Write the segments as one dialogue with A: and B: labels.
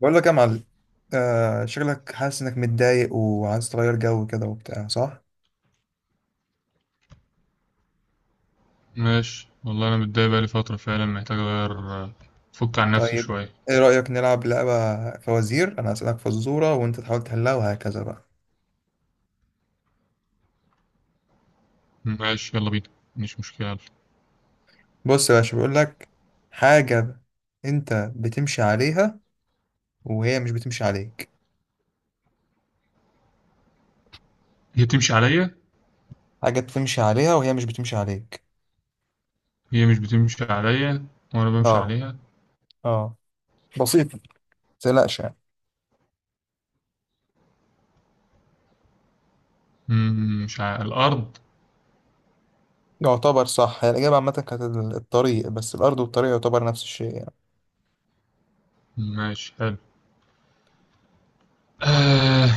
A: بقول لك يا معلم. شكلك حاسس انك متضايق وعايز تغير جو كده وبتاع، صح؟
B: ماشي والله أنا متضايق بقالي فترة فعلا محتاج أغير، أفك عن نفسي
A: طيب،
B: شوية.
A: ايه رأيك نلعب لعبة فوازير؟ انا اسألك فزورة وانت تحاول تحلها، وهكذا بقى.
B: ماشي، يلا بينا. مش مشكلة، يلا.
A: بص يا باشا، بقول لك حاجة. انت بتمشي عليها وهي مش بتمشي عليك.
B: هي تمشي عليا.
A: حاجة بتمشي عليها وهي مش بتمشي عليك.
B: هي مش بتمشي عليا وأنا بمشي
A: اه،
B: عليها.
A: اه، بسيطة، متقلقش يعني.
B: مش على الأرض.
A: يعتبر صح، هي الإجابة عامة كانت الطريق، بس الأرض والطريق يعتبر نفس الشيء يعني.
B: ماشي، حلو. آه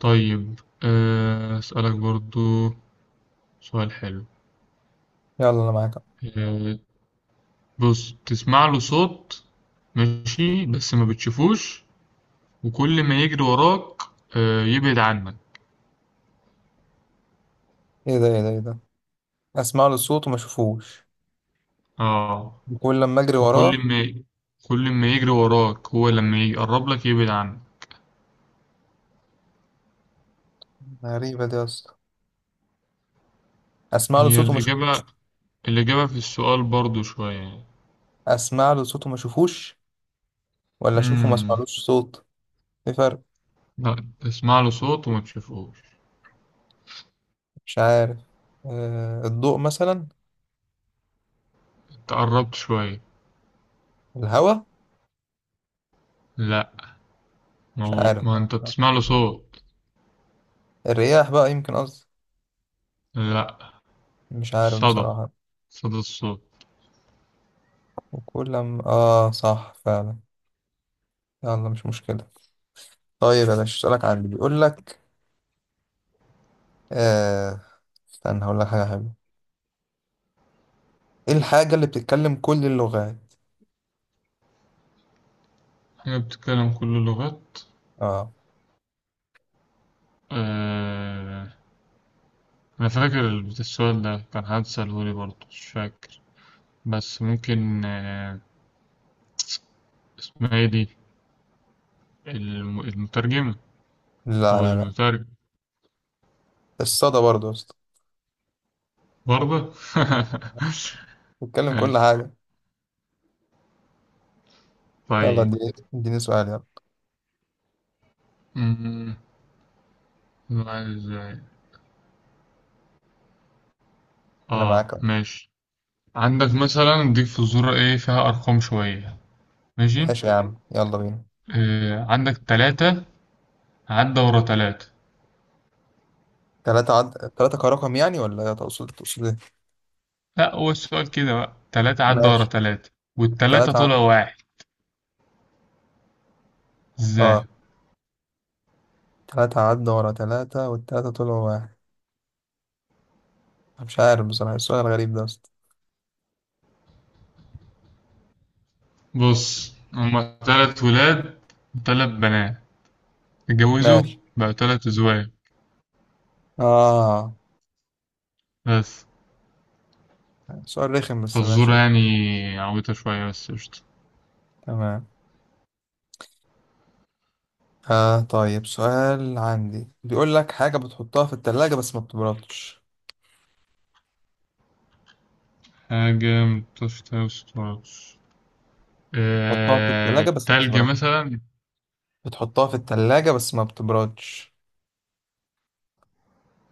B: طيب، أسألك برضو سؤال حلو.
A: يلا أنا معاك.
B: آه. بص، تسمع له صوت، ماشي، بس ما بتشوفوش، وكل ما يجري وراك يبعد عنك.
A: ايه ده؟ ايه ده؟ ايه ده؟ اسمع له صوت وما اشوفوش،
B: اه،
A: وكل لما اجري
B: وكل
A: وراه.
B: ما كل ما يجري وراك هو لما يقرب لك يبعد عنك.
A: غريبه دي يا اسطى. اسمع له
B: هي
A: صوت وما اشوفوش.
B: الإجابة. الإجابة في السؤال برضو شوية يعني.
A: اسمع له صوت وما اشوفوش، ولا اشوفه ما
B: مم.
A: اسمعلوش صوت؟ ايه فرق؟
B: لا، تسمع له صوت وما تشوفوش.
A: مش عارف. الضوء مثلا.
B: تقربت شوية.
A: الهواء.
B: لا، ما
A: مش
B: هو
A: عارف
B: ما انت
A: بقى.
B: بتسمع له صوت.
A: الرياح بقى، يمكن قصدي.
B: لا.
A: مش عارف
B: صدى
A: بصراحه.
B: صدى الصوت.
A: وكل لما اه، صح فعلا. يلا، مش مشكله. طيب يا باشا، اسالك عن اللي بيقول لك. آه استنى هقول لك حاجه حلوه. ايه الحاجه اللي بتتكلم كل اللغات؟
B: حاجة بتتكلم كل اللغات.
A: اه.
B: آه... أنا فاكر السؤال ده كان حد سألهولي برضه، مش فاكر، بس ممكن اسمها ايه دي. المترجمة.
A: لا،
B: هو
A: لا، لا،
B: المترجم.
A: الصدى برضه.
B: برضه.
A: بتكلم كل
B: ماشي،
A: حاجة. يلا
B: طيب.
A: اديني اديني سؤال. يلا
B: أمم، نوع ازاي.
A: أنا معاك
B: اه،
A: أهو.
B: ماشي. عندك مثلا، اديك فزورة ايه فيها ارقام شوية. ماشي.
A: ماشي يا عم، يلا بينا.
B: عندك تلاتة عدى ورا تلاتة.
A: تلاتة عد تلاتة كرقم يعني، ولا تقصد تقصد إيه؟
B: لا، هو السؤال كده بقى، تلاتة عدى ورا
A: ماشي.
B: تلاتة والتلاتة
A: تلاتة عد.
B: طلع واحد.
A: أه
B: ازاي؟
A: تلاتة عد ورا تلاتة والتلاتة طلعوا واحد. أنا مش عارف بصراحة، السؤال الغريب ده أصلا.
B: بص، هما تلات ولاد وتلات بنات اتجوزوا،
A: ماشي.
B: بقى تلات ازواج،
A: أه،
B: بس.
A: سؤال رخم بس ماشي.
B: فالزورة يعني عويطة شوية بس قشطة.
A: تمام. طيب، سؤال عندي بيقول لك، حاجة بتحطها في التلاجة بس ما بتبردش.
B: حاجة متقدرش تلبس خالص.
A: بتحطها في التلاجة بس ما
B: التلج
A: بتبردش.
B: مثلا.
A: بتحطها في التلاجة بس ما بتبردش.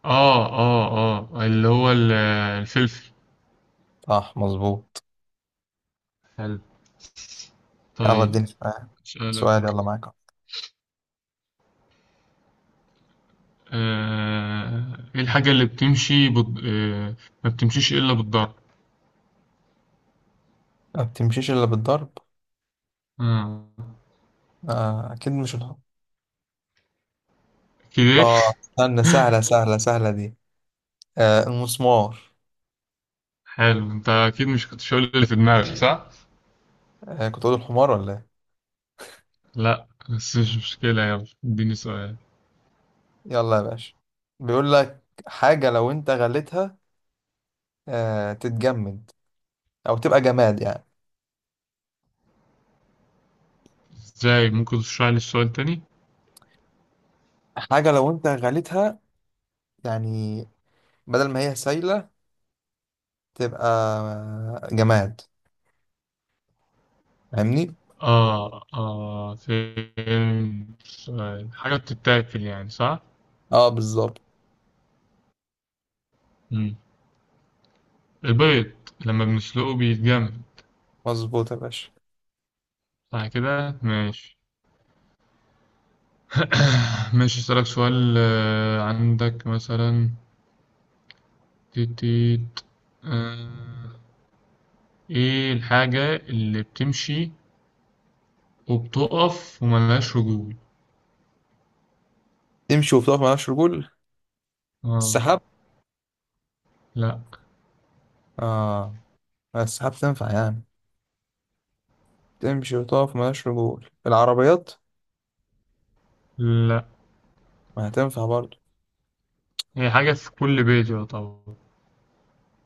B: اه، اه، اه، اللي هو الفلفل.
A: صح، مظبوط.
B: حلو.
A: يلا
B: طيب،
A: اديني سؤال. سؤال،
B: أسألك.
A: يلا معاك.
B: ايه الحاجة اللي بتمشي ما بتمشيش إلا بالضرب.
A: ما بتمشيش الا بالضرب.
B: آه.
A: آه، اكيد مش الحمار.
B: كده.
A: اه، استنى، سهله سهله سهله دي. آه، المسمار.
B: حلو، انت اكيد مش كنتش هقول اللي في دماغك، صح؟
A: آه، كنت اقول الحمار ولا ايه.
B: لا، بس مش مشكلة، يلا اديني سؤال.
A: يلا يا باشا. بيقول لك حاجه لو انت غليتها، تتجمد او تبقى جماد يعني.
B: ازاي؟ ممكن تشرح لي السؤال تاني؟
A: حاجه لو انت غليتها، يعني بدل ما هي سايله تبقى جماد. فاهمني؟
B: اه، اه. فين السؤال؟ حاجة بتتاكل يعني، صح؟
A: اه، بالظبط.
B: مم. البيض، لما بنسلقه بيتجمد.
A: مظبوط يا باشا.
B: صح كده، ماشي. ماشي، اسألك سؤال. عندك مثلا، تيتيت، آه، ايه الحاجة اللي بتمشي وبتقف وملهاش رجول؟
A: تمشي وبتقف ملهاش رجول.
B: اه.
A: السحاب.
B: لا.
A: اه، السحاب تنفع يعني. تمشي وتقف ملهاش رجول. العربيات.
B: لا،
A: ما هتنفع برضه.
B: هي حاجة في كل بيت، يا طبعا.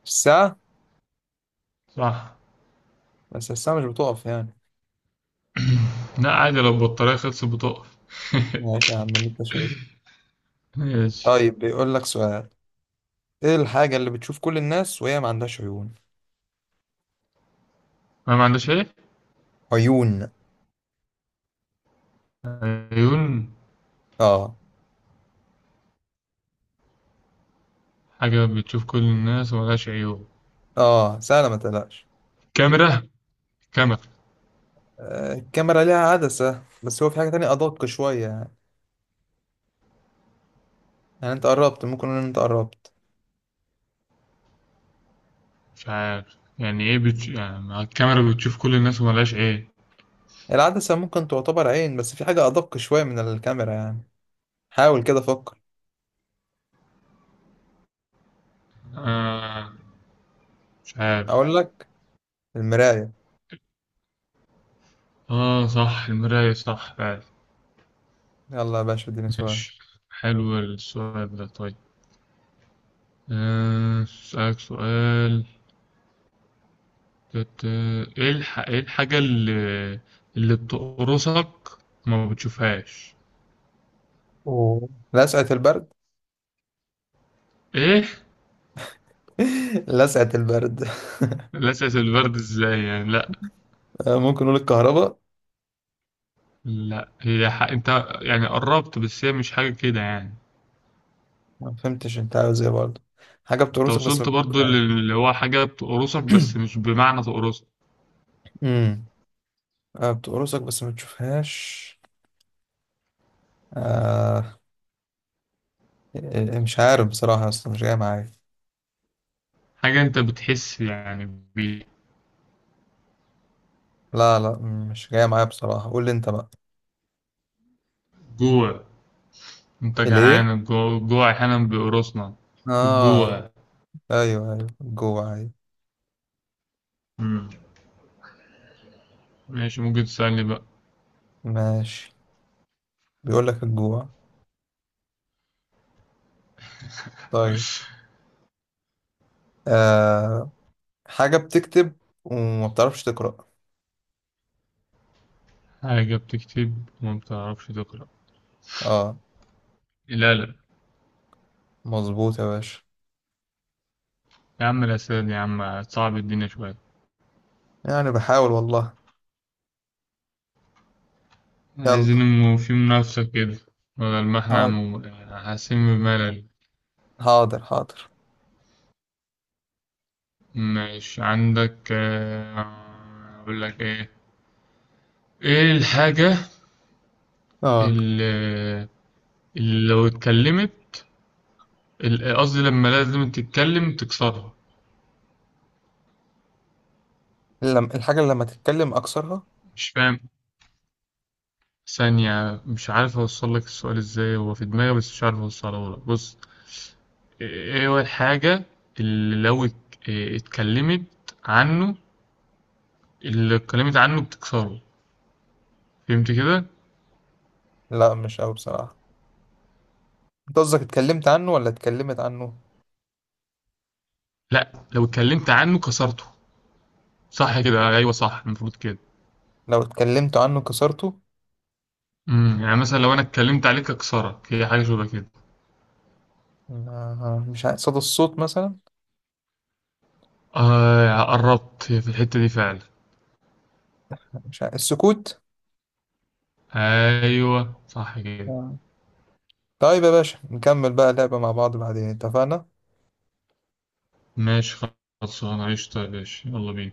A: الساعة.
B: صح.
A: بس الساعة مش بتقف يعني.
B: لا، عادي، لو البطارية خلصت بتقف.
A: ماشي يا عم، اللي انت شايفه.
B: ماشي.
A: طيب بيقول لك سؤال. ايه الحاجة اللي بتشوف كل الناس وهي ما عندهاش عيون؟
B: ما عندهاش ايه؟
A: عيون.
B: عيون.
A: اه،
B: حاجة بتشوف كل الناس وملهاش عيون.
A: اه، سهلة، ما تقلقش.
B: كاميرا. كاميرا.
A: آه، الكاميرا ليها عدسة، بس هو في حاجة تانية أدق شوية يعني. يعني انت قربت، ممكن نقول ان انت قربت.
B: مش عارف يعني ايه يعني مع الكاميرا بتشوف كل الناس وملهاش ايه.
A: العدسة ممكن تعتبر عين، بس في حاجة أدق شوية من الكاميرا يعني. حاول كده فكر.
B: آه مش عارف.
A: أقول لك، المراية.
B: اه، صح، المراية، صح فعلا.
A: يلا يا باشا اديني سؤال.
B: ماشي، حلو السؤال ده. طيب، اسألك سؤال. تت- ايه ايه الحاجة اللي بتقرصك وما بتشوفهاش.
A: أوه. لسعة البرد.
B: ايه؟
A: لسعة البرد.
B: الاساس البرد، ازاي يعني؟ لا.
A: ممكن نقول الكهرباء.
B: لا، انت يعني قربت، بس هي مش حاجة كده يعني.
A: ما فهمتش انت عاوز ايه برضه. حاجة
B: انت
A: بتقرصك بس ما
B: وصلت برضو،
A: بتشوفهاش.
B: اللي هو حاجة تقرصك بس مش بمعنى تقرصك.
A: امم بتقرصك بس ما بتشوفهاش. آه مش عارف بصراحة، اصلا مش جاية معايا.
B: حاجة انت بتحس يعني.
A: لا، لا، مش جاية معايا بصراحة، قول لي انت بقى.
B: بجوع. انت
A: ليه؟
B: جعان، الجوع، الجوع احيانا بيقرصنا.
A: اه،
B: الجوع.
A: ايوه، ايوه، الجوع، ايوه.
B: مم. ماشي، ممكن تسألني بقى.
A: ماشي، بيقول لك الجوع. طيب. آه حاجة بتكتب وما بتعرفش تقرأ.
B: حاجة بتكتب وما بتعرفش تقرأ.
A: اه.
B: لا. لا.
A: مظبوط يا باشا.
B: يا عم، الأسئلة دي، يا عم، صعب الدنيا شوية.
A: يعني بحاول والله.
B: عايزين
A: يلا.
B: في منافسة كده، بدل ما احنا
A: حاضر،
B: حاسين بملل.
A: حاضر، حاضر.
B: ماشي، عندك، أقول لك إيه. إيه الحاجة
A: اه،
B: ال- اللي لو اتكلمت، قصدي لما لازم تتكلم تكسرها.
A: الحاجة اللي لما تتكلم أكثرها.
B: مش فاهم؟ ثانية، مش عارف اوصل لك السؤال ازاي، هو في دماغي بس مش عارف اوصله لك. بص، ايه، إيه هو الحاجة اللي لو ات- إيه اتكلمت عنه، اللي اتكلمت عنه بتكسره، فهمت كده؟
A: لا، مش أوي بصراحة. أنت قصدك اتكلمت عنه ولا اتكلمت عنه؟
B: لا، لو اتكلمت عنه كسرته، صح كده، ايوه، صح، المفروض كده.
A: لو اتكلمت عنه كسرته.
B: يعني مثلا لو انا اتكلمت عليك اكسرك، هي حاجة شبه كده.
A: مش عارف، صدى الصوت مثلا.
B: قربت، هي في الحتة دي فعلا.
A: مش عارف، السكوت.
B: ايوه، صح كده.
A: آه. طيب يا باشا، نكمل بقى لعبة مع بعض بعدين، اتفقنا؟
B: ماشي، خلصان عشطة يا باشا، يلا بينا.